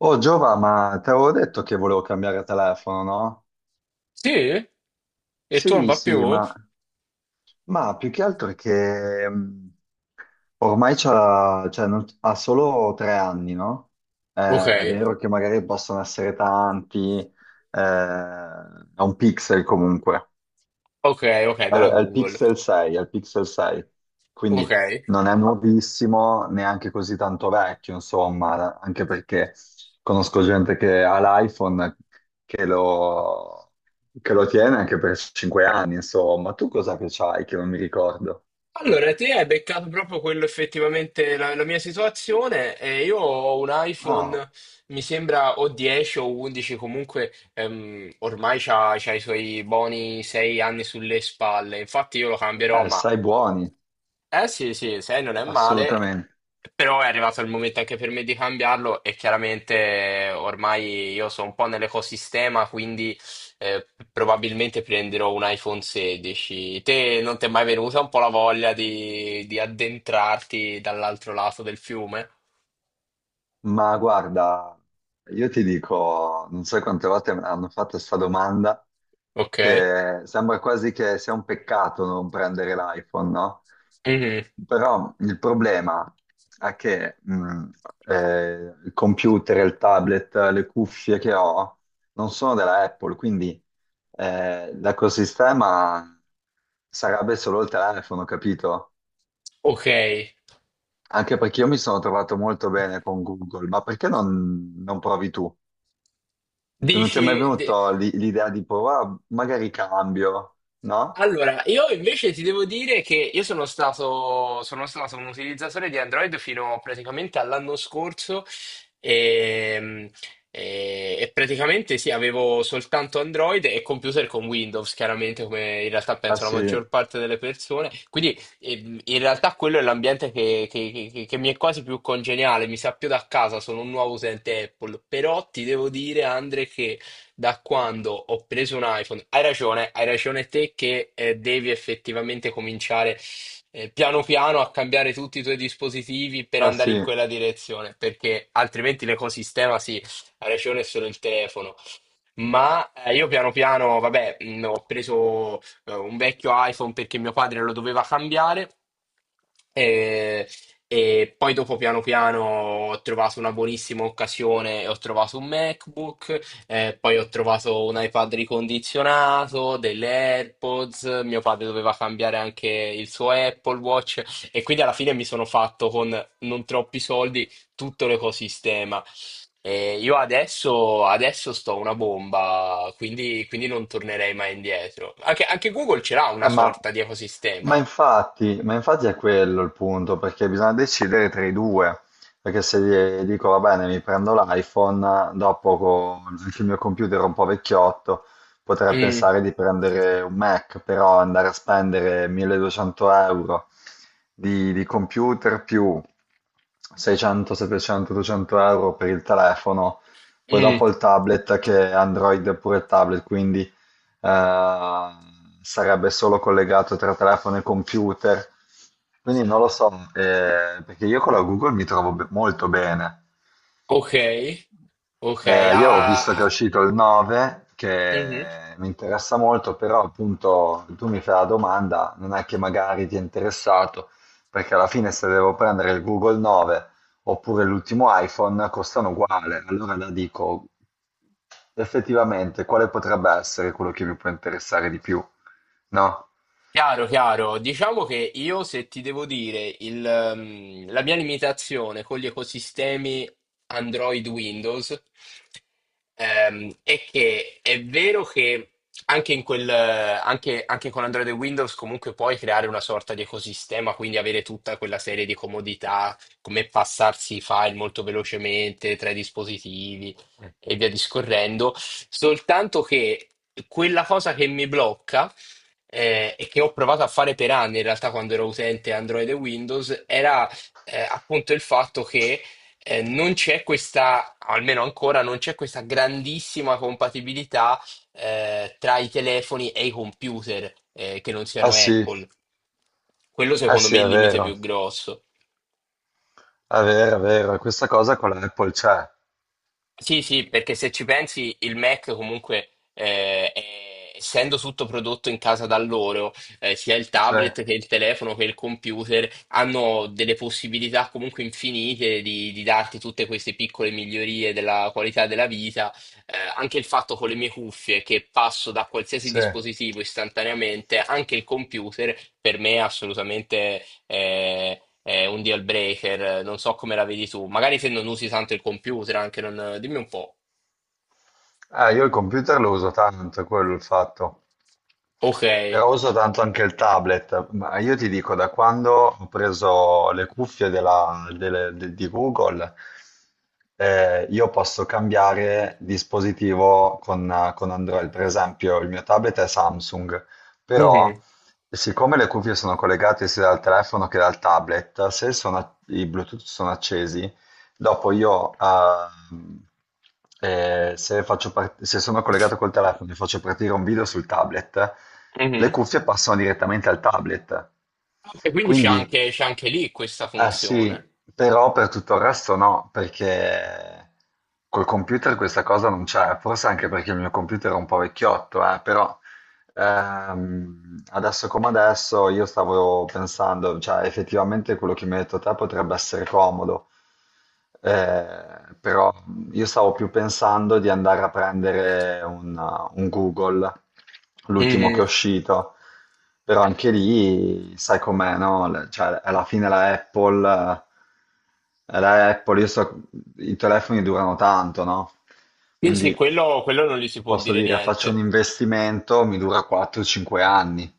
Oh Giova, ma te avevo detto che volevo cambiare telefono, no? Sì? E tu non Sì, va più? sì, ma, Ok, ma più che altro è che ormai c'ha, cioè, ha solo 3 anni, no? È vero che magari possono essere tanti, è un pixel comunque, ok, ok, della al Google. Pixel 6, al Pixel 6. Ok. Quindi non è nuovissimo, neanche così tanto vecchio, insomma, anche perché conosco gente che ha l'iPhone che lo, che lo tiene anche per 5 anni, insomma. Tu cos'è che c'hai che non mi ricordo? Allora, te hai beccato proprio quello effettivamente la mia situazione. E io ho un Ah, iPhone, mi sembra o 10 o 11, comunque ormai c'ha i suoi buoni 6 anni sulle spalle. Infatti io lo cambierò, ma sai buoni, eh sì, sì, 6 non è male, assolutamente. però è arrivato il momento anche per me di cambiarlo e chiaramente ormai io sono un po' nell'ecosistema, quindi probabilmente prenderò un iPhone 16. Te non ti è mai venuta un po' la voglia di addentrarti dall'altro lato del fiume? Ma guarda, io ti dico, non so quante volte mi hanno fatto questa domanda, Ok. che sembra quasi che sia un peccato non prendere l'iPhone, no? Mhm. Però il problema è che il computer, il tablet, le cuffie che ho non sono della Apple, quindi l'ecosistema sarebbe solo il telefono, capito? Ok. Anche perché io mi sono trovato molto bene con Google, ma perché non provi tu? Non ti è mai Dici. venuto l'idea di provare, magari cambio, no? Allora, io invece ti devo dire che io sono stato un utilizzatore di Android fino praticamente all'anno scorso e, e praticamente sì, avevo soltanto Android e computer con Windows, chiaramente come in realtà Ah penso la sì, maggior parte delle persone. Quindi in realtà quello è l'ambiente che mi è quasi più congeniale, mi sa più da casa, sono un nuovo utente Apple, però ti devo dire, Andre, che da quando ho preso un iPhone. Hai ragione te che devi effettivamente cominciare piano piano a cambiare tutti i tuoi dispositivi per ah andare in sì. quella direzione, perché altrimenti l'ecosistema sì, ha ragione è solo il telefono. Ma io piano piano, vabbè, ho preso un vecchio iPhone perché mio padre lo doveva cambiare e, e poi dopo piano piano ho trovato una buonissima occasione e ho trovato un MacBook, poi ho trovato un iPad ricondizionato, delle AirPods, mio padre doveva cambiare anche il suo Apple Watch e quindi alla fine mi sono fatto con non troppi soldi tutto l'ecosistema. E io adesso sto una bomba, quindi non tornerei mai indietro. Anche Google ce l'ha una Eh, ma, sorta di ma ecosistema. infatti, ma infatti è quello il punto, perché bisogna decidere tra i due, perché se gli dico va bene, mi prendo l'iPhone, dopo con il mio computer un po' vecchiotto, potrei Mm, pensare di prendere un Mac, però andare a spendere 1200 euro di computer più 600, 700, 800 euro per il telefono, poi mm, dopo il tablet che è Android è pure il tablet, quindi eh, sarebbe solo collegato tra telefono e computer. Quindi non lo so, perché io con la Google mi trovo molto bene. ok, ok. Ah, Io ho visto che è ah, uscito il 9, mhm. che mi interessa molto, però appunto tu mi fai la domanda, non è che magari ti è interessato, perché alla fine se devo prendere il Google 9 oppure l'ultimo iPhone costano uguale, allora la dico effettivamente quale potrebbe essere quello che mi può interessare di più, no? Chiaro, chiaro. Diciamo che io, se ti devo dire, la mia limitazione con gli ecosistemi Android Windows è che è vero che anche, in quel, anche, anche con Android e Windows comunque puoi creare una sorta di ecosistema, quindi avere tutta quella serie di comodità, come passarsi i file molto velocemente tra i dispositivi e via discorrendo, soltanto che quella cosa che mi blocca e che ho provato a fare per anni in realtà quando ero utente Android e Windows, era appunto il fatto che non c'è questa, almeno ancora, non c'è questa grandissima compatibilità tra i telefoni e i computer che non Ah siano sì, Apple. Quello ah secondo sì, me è è il limite vero, più grosso. è vero, è vero, questa cosa con l'Apple c'è, Sì, sì, perché se ci pensi, il Mac comunque, essendo tutto prodotto in casa da loro, sia il c'è, tablet che il telefono che il computer, hanno delle possibilità comunque infinite di darti tutte queste piccole migliorie della qualità della vita anche il fatto con le mie cuffie che passo da qualsiasi c'è. dispositivo istantaneamente, anche il computer, per me è assolutamente è un deal breaker. Non so come la vedi tu. Magari se non usi tanto il computer, anche non. Dimmi un po'. Io il computer lo uso tanto, è quello è il fatto. Ok. Però uso tanto anche il tablet, ma io ti dico, da quando ho preso le cuffie di Google, io posso cambiare dispositivo con Android. Per esempio, il mio tablet è Samsung, però Mhm. siccome le cuffie sono collegate sia dal telefono che dal tablet, se i Bluetooth sono accesi, dopo io, se faccio se sono collegato col telefono e faccio partire un video sul tablet, le Mhm. cuffie passano direttamente al tablet. E quindi Quindi, c'è anche lì questa eh funzione. sì, però per tutto il resto no, perché col computer questa cosa non c'è, forse anche perché il mio computer è un po' vecchiotto, però adesso come adesso io stavo pensando, cioè effettivamente quello che mi hai detto te potrebbe essere comodo, però io stavo più pensando di andare a prendere un Google, l'ultimo che è Mhm. uscito, però anche lì sai com'è, no? Cioè alla fine la Apple. La Apple, io so, i telefoni durano tanto, no? Sì, sì, Quindi quello non gli si può posso dire dire, faccio un niente. investimento, mi dura 4-5 anni.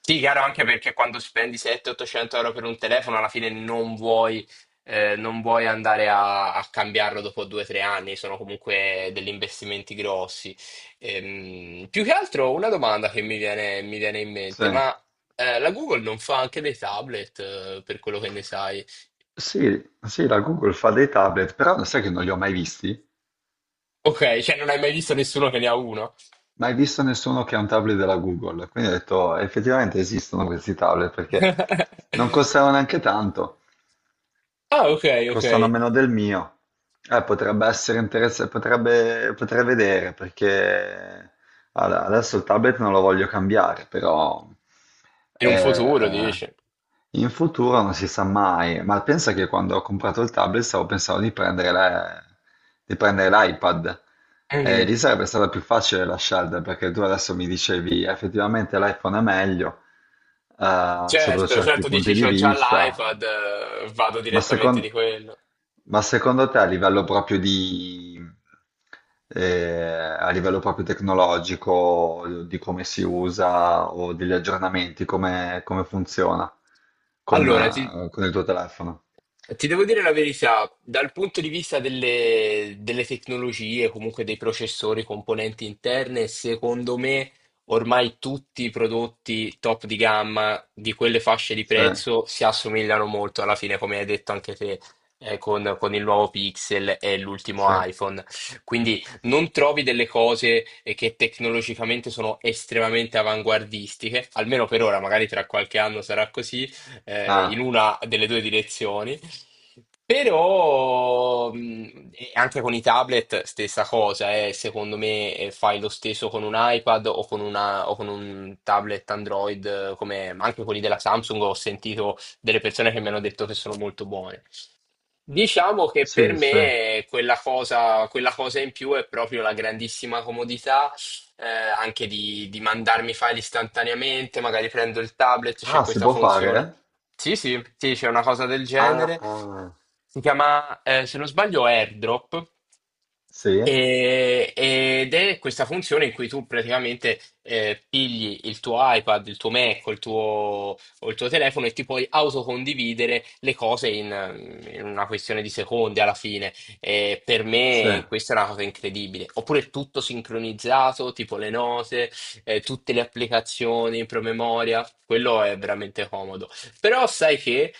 Sì, chiaro, anche perché quando spendi 700-800 euro per un telefono, alla fine non vuoi andare a cambiarlo dopo 2 o 3 anni, sono comunque degli investimenti grossi. Più che altro una domanda che mi viene in mente, Sì. ma la Google non fa anche dei tablet, per quello che ne sai? Sì, sì, la Google fa dei tablet, però sai che non li ho mai visti? Ok, cioè non hai mai visto nessuno che ne ha uno? Mai visto nessuno che ha un tablet della Google. Quindi ho detto, "Oh, effettivamente esistono questi tablet perché non costano neanche tanto. Ah, ok, ok. Costano meno del mio." Potrebbe essere interessante, potrebbe, potrei vedere perché allora, adesso il tablet non lo voglio cambiare, però In eh, un futuro, eh, dici. in futuro non si sa mai. Ma pensa che quando ho comprato il tablet stavo pensando di prendere di prendere l'iPad. Mhm. Lì sarebbe stata più facile la scelta perché tu adesso mi dicevi effettivamente l'iPhone è meglio sotto Certo, certi certo, dici punti di c'ho già vista. l'iPad, vado Ma direttamente di secondo, quello. ma secondo te a livello proprio di, eh, a livello proprio tecnologico, di come si usa o degli aggiornamenti, come funziona con, Allora, ti, eh, con il tuo telefono? Ti devo dire la verità, dal punto di vista delle tecnologie, comunque dei processori, componenti interne, secondo me ormai tutti i prodotti top di gamma di quelle fasce di Sì, prezzo si assomigliano molto alla fine, come hai detto anche te, con il nuovo Pixel e l'ultimo sì. iPhone. Quindi non trovi delle cose che tecnologicamente sono estremamente avanguardistiche, almeno per ora, magari tra qualche anno sarà così, in Ah, una delle due direzioni. Però e anche con i tablet stessa cosa, secondo me fai lo stesso con un iPad o con un tablet Android, come anche quelli della Samsung, ho sentito delle persone che mi hanno detto che sono molto buoni. Diciamo che per sì, sì. me quella cosa in più è proprio la grandissima comodità, anche di mandarmi i file istantaneamente, magari prendo il tablet, c'è Ah, si questa può funzione. fare? Sì, sì, sì, c'è una cosa del Ah, genere. ah. Si chiama, se non sbaglio, AirDrop. Sì, Ed è questa funzione in cui tu praticamente pigli il tuo iPad, il tuo Mac, o il tuo telefono e ti puoi autocondividere le cose in una questione di secondi alla fine. E per sì. me questa è una cosa incredibile. Oppure tutto sincronizzato, tipo le note, tutte le applicazioni in promemoria, quello è veramente comodo. Però sai che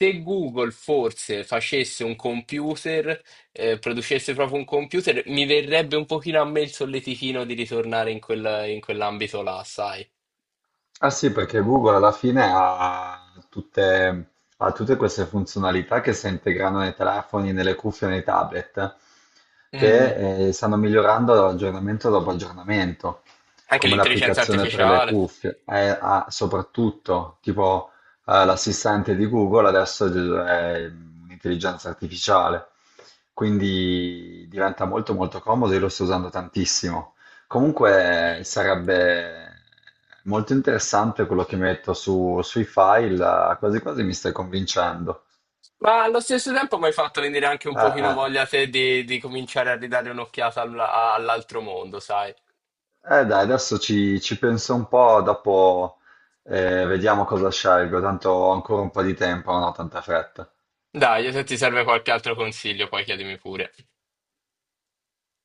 se Google forse facesse un computer, producesse proprio un computer, mi verrebbe un pochino a me il solletichino di ritornare in quell'ambito là, sai? Ah sì, perché Google alla fine ha tutte queste funzionalità che si integrano nei telefoni, nelle cuffie, nei tablet, che stanno migliorando aggiornamento dopo aggiornamento, Anche come l'intelligenza l'applicazione per le artificiale. cuffie, soprattutto tipo l'assistente di Google adesso è un'intelligenza artificiale, quindi diventa molto molto comodo, io lo sto usando tantissimo. Comunque sarebbe molto interessante quello che mi hai detto sui file, quasi quasi mi stai convincendo. Ma allo stesso tempo mi hai fatto venire anche un Eh, pochino eh. voglia te di cominciare a ridare un'occhiata all'altro mondo, sai? Dai, adesso ci penso un po', dopo vediamo cosa scelgo, tanto ho ancora un po' di tempo, non ho tanta fretta. Dai, se ti serve qualche altro consiglio, poi chiedimi pure.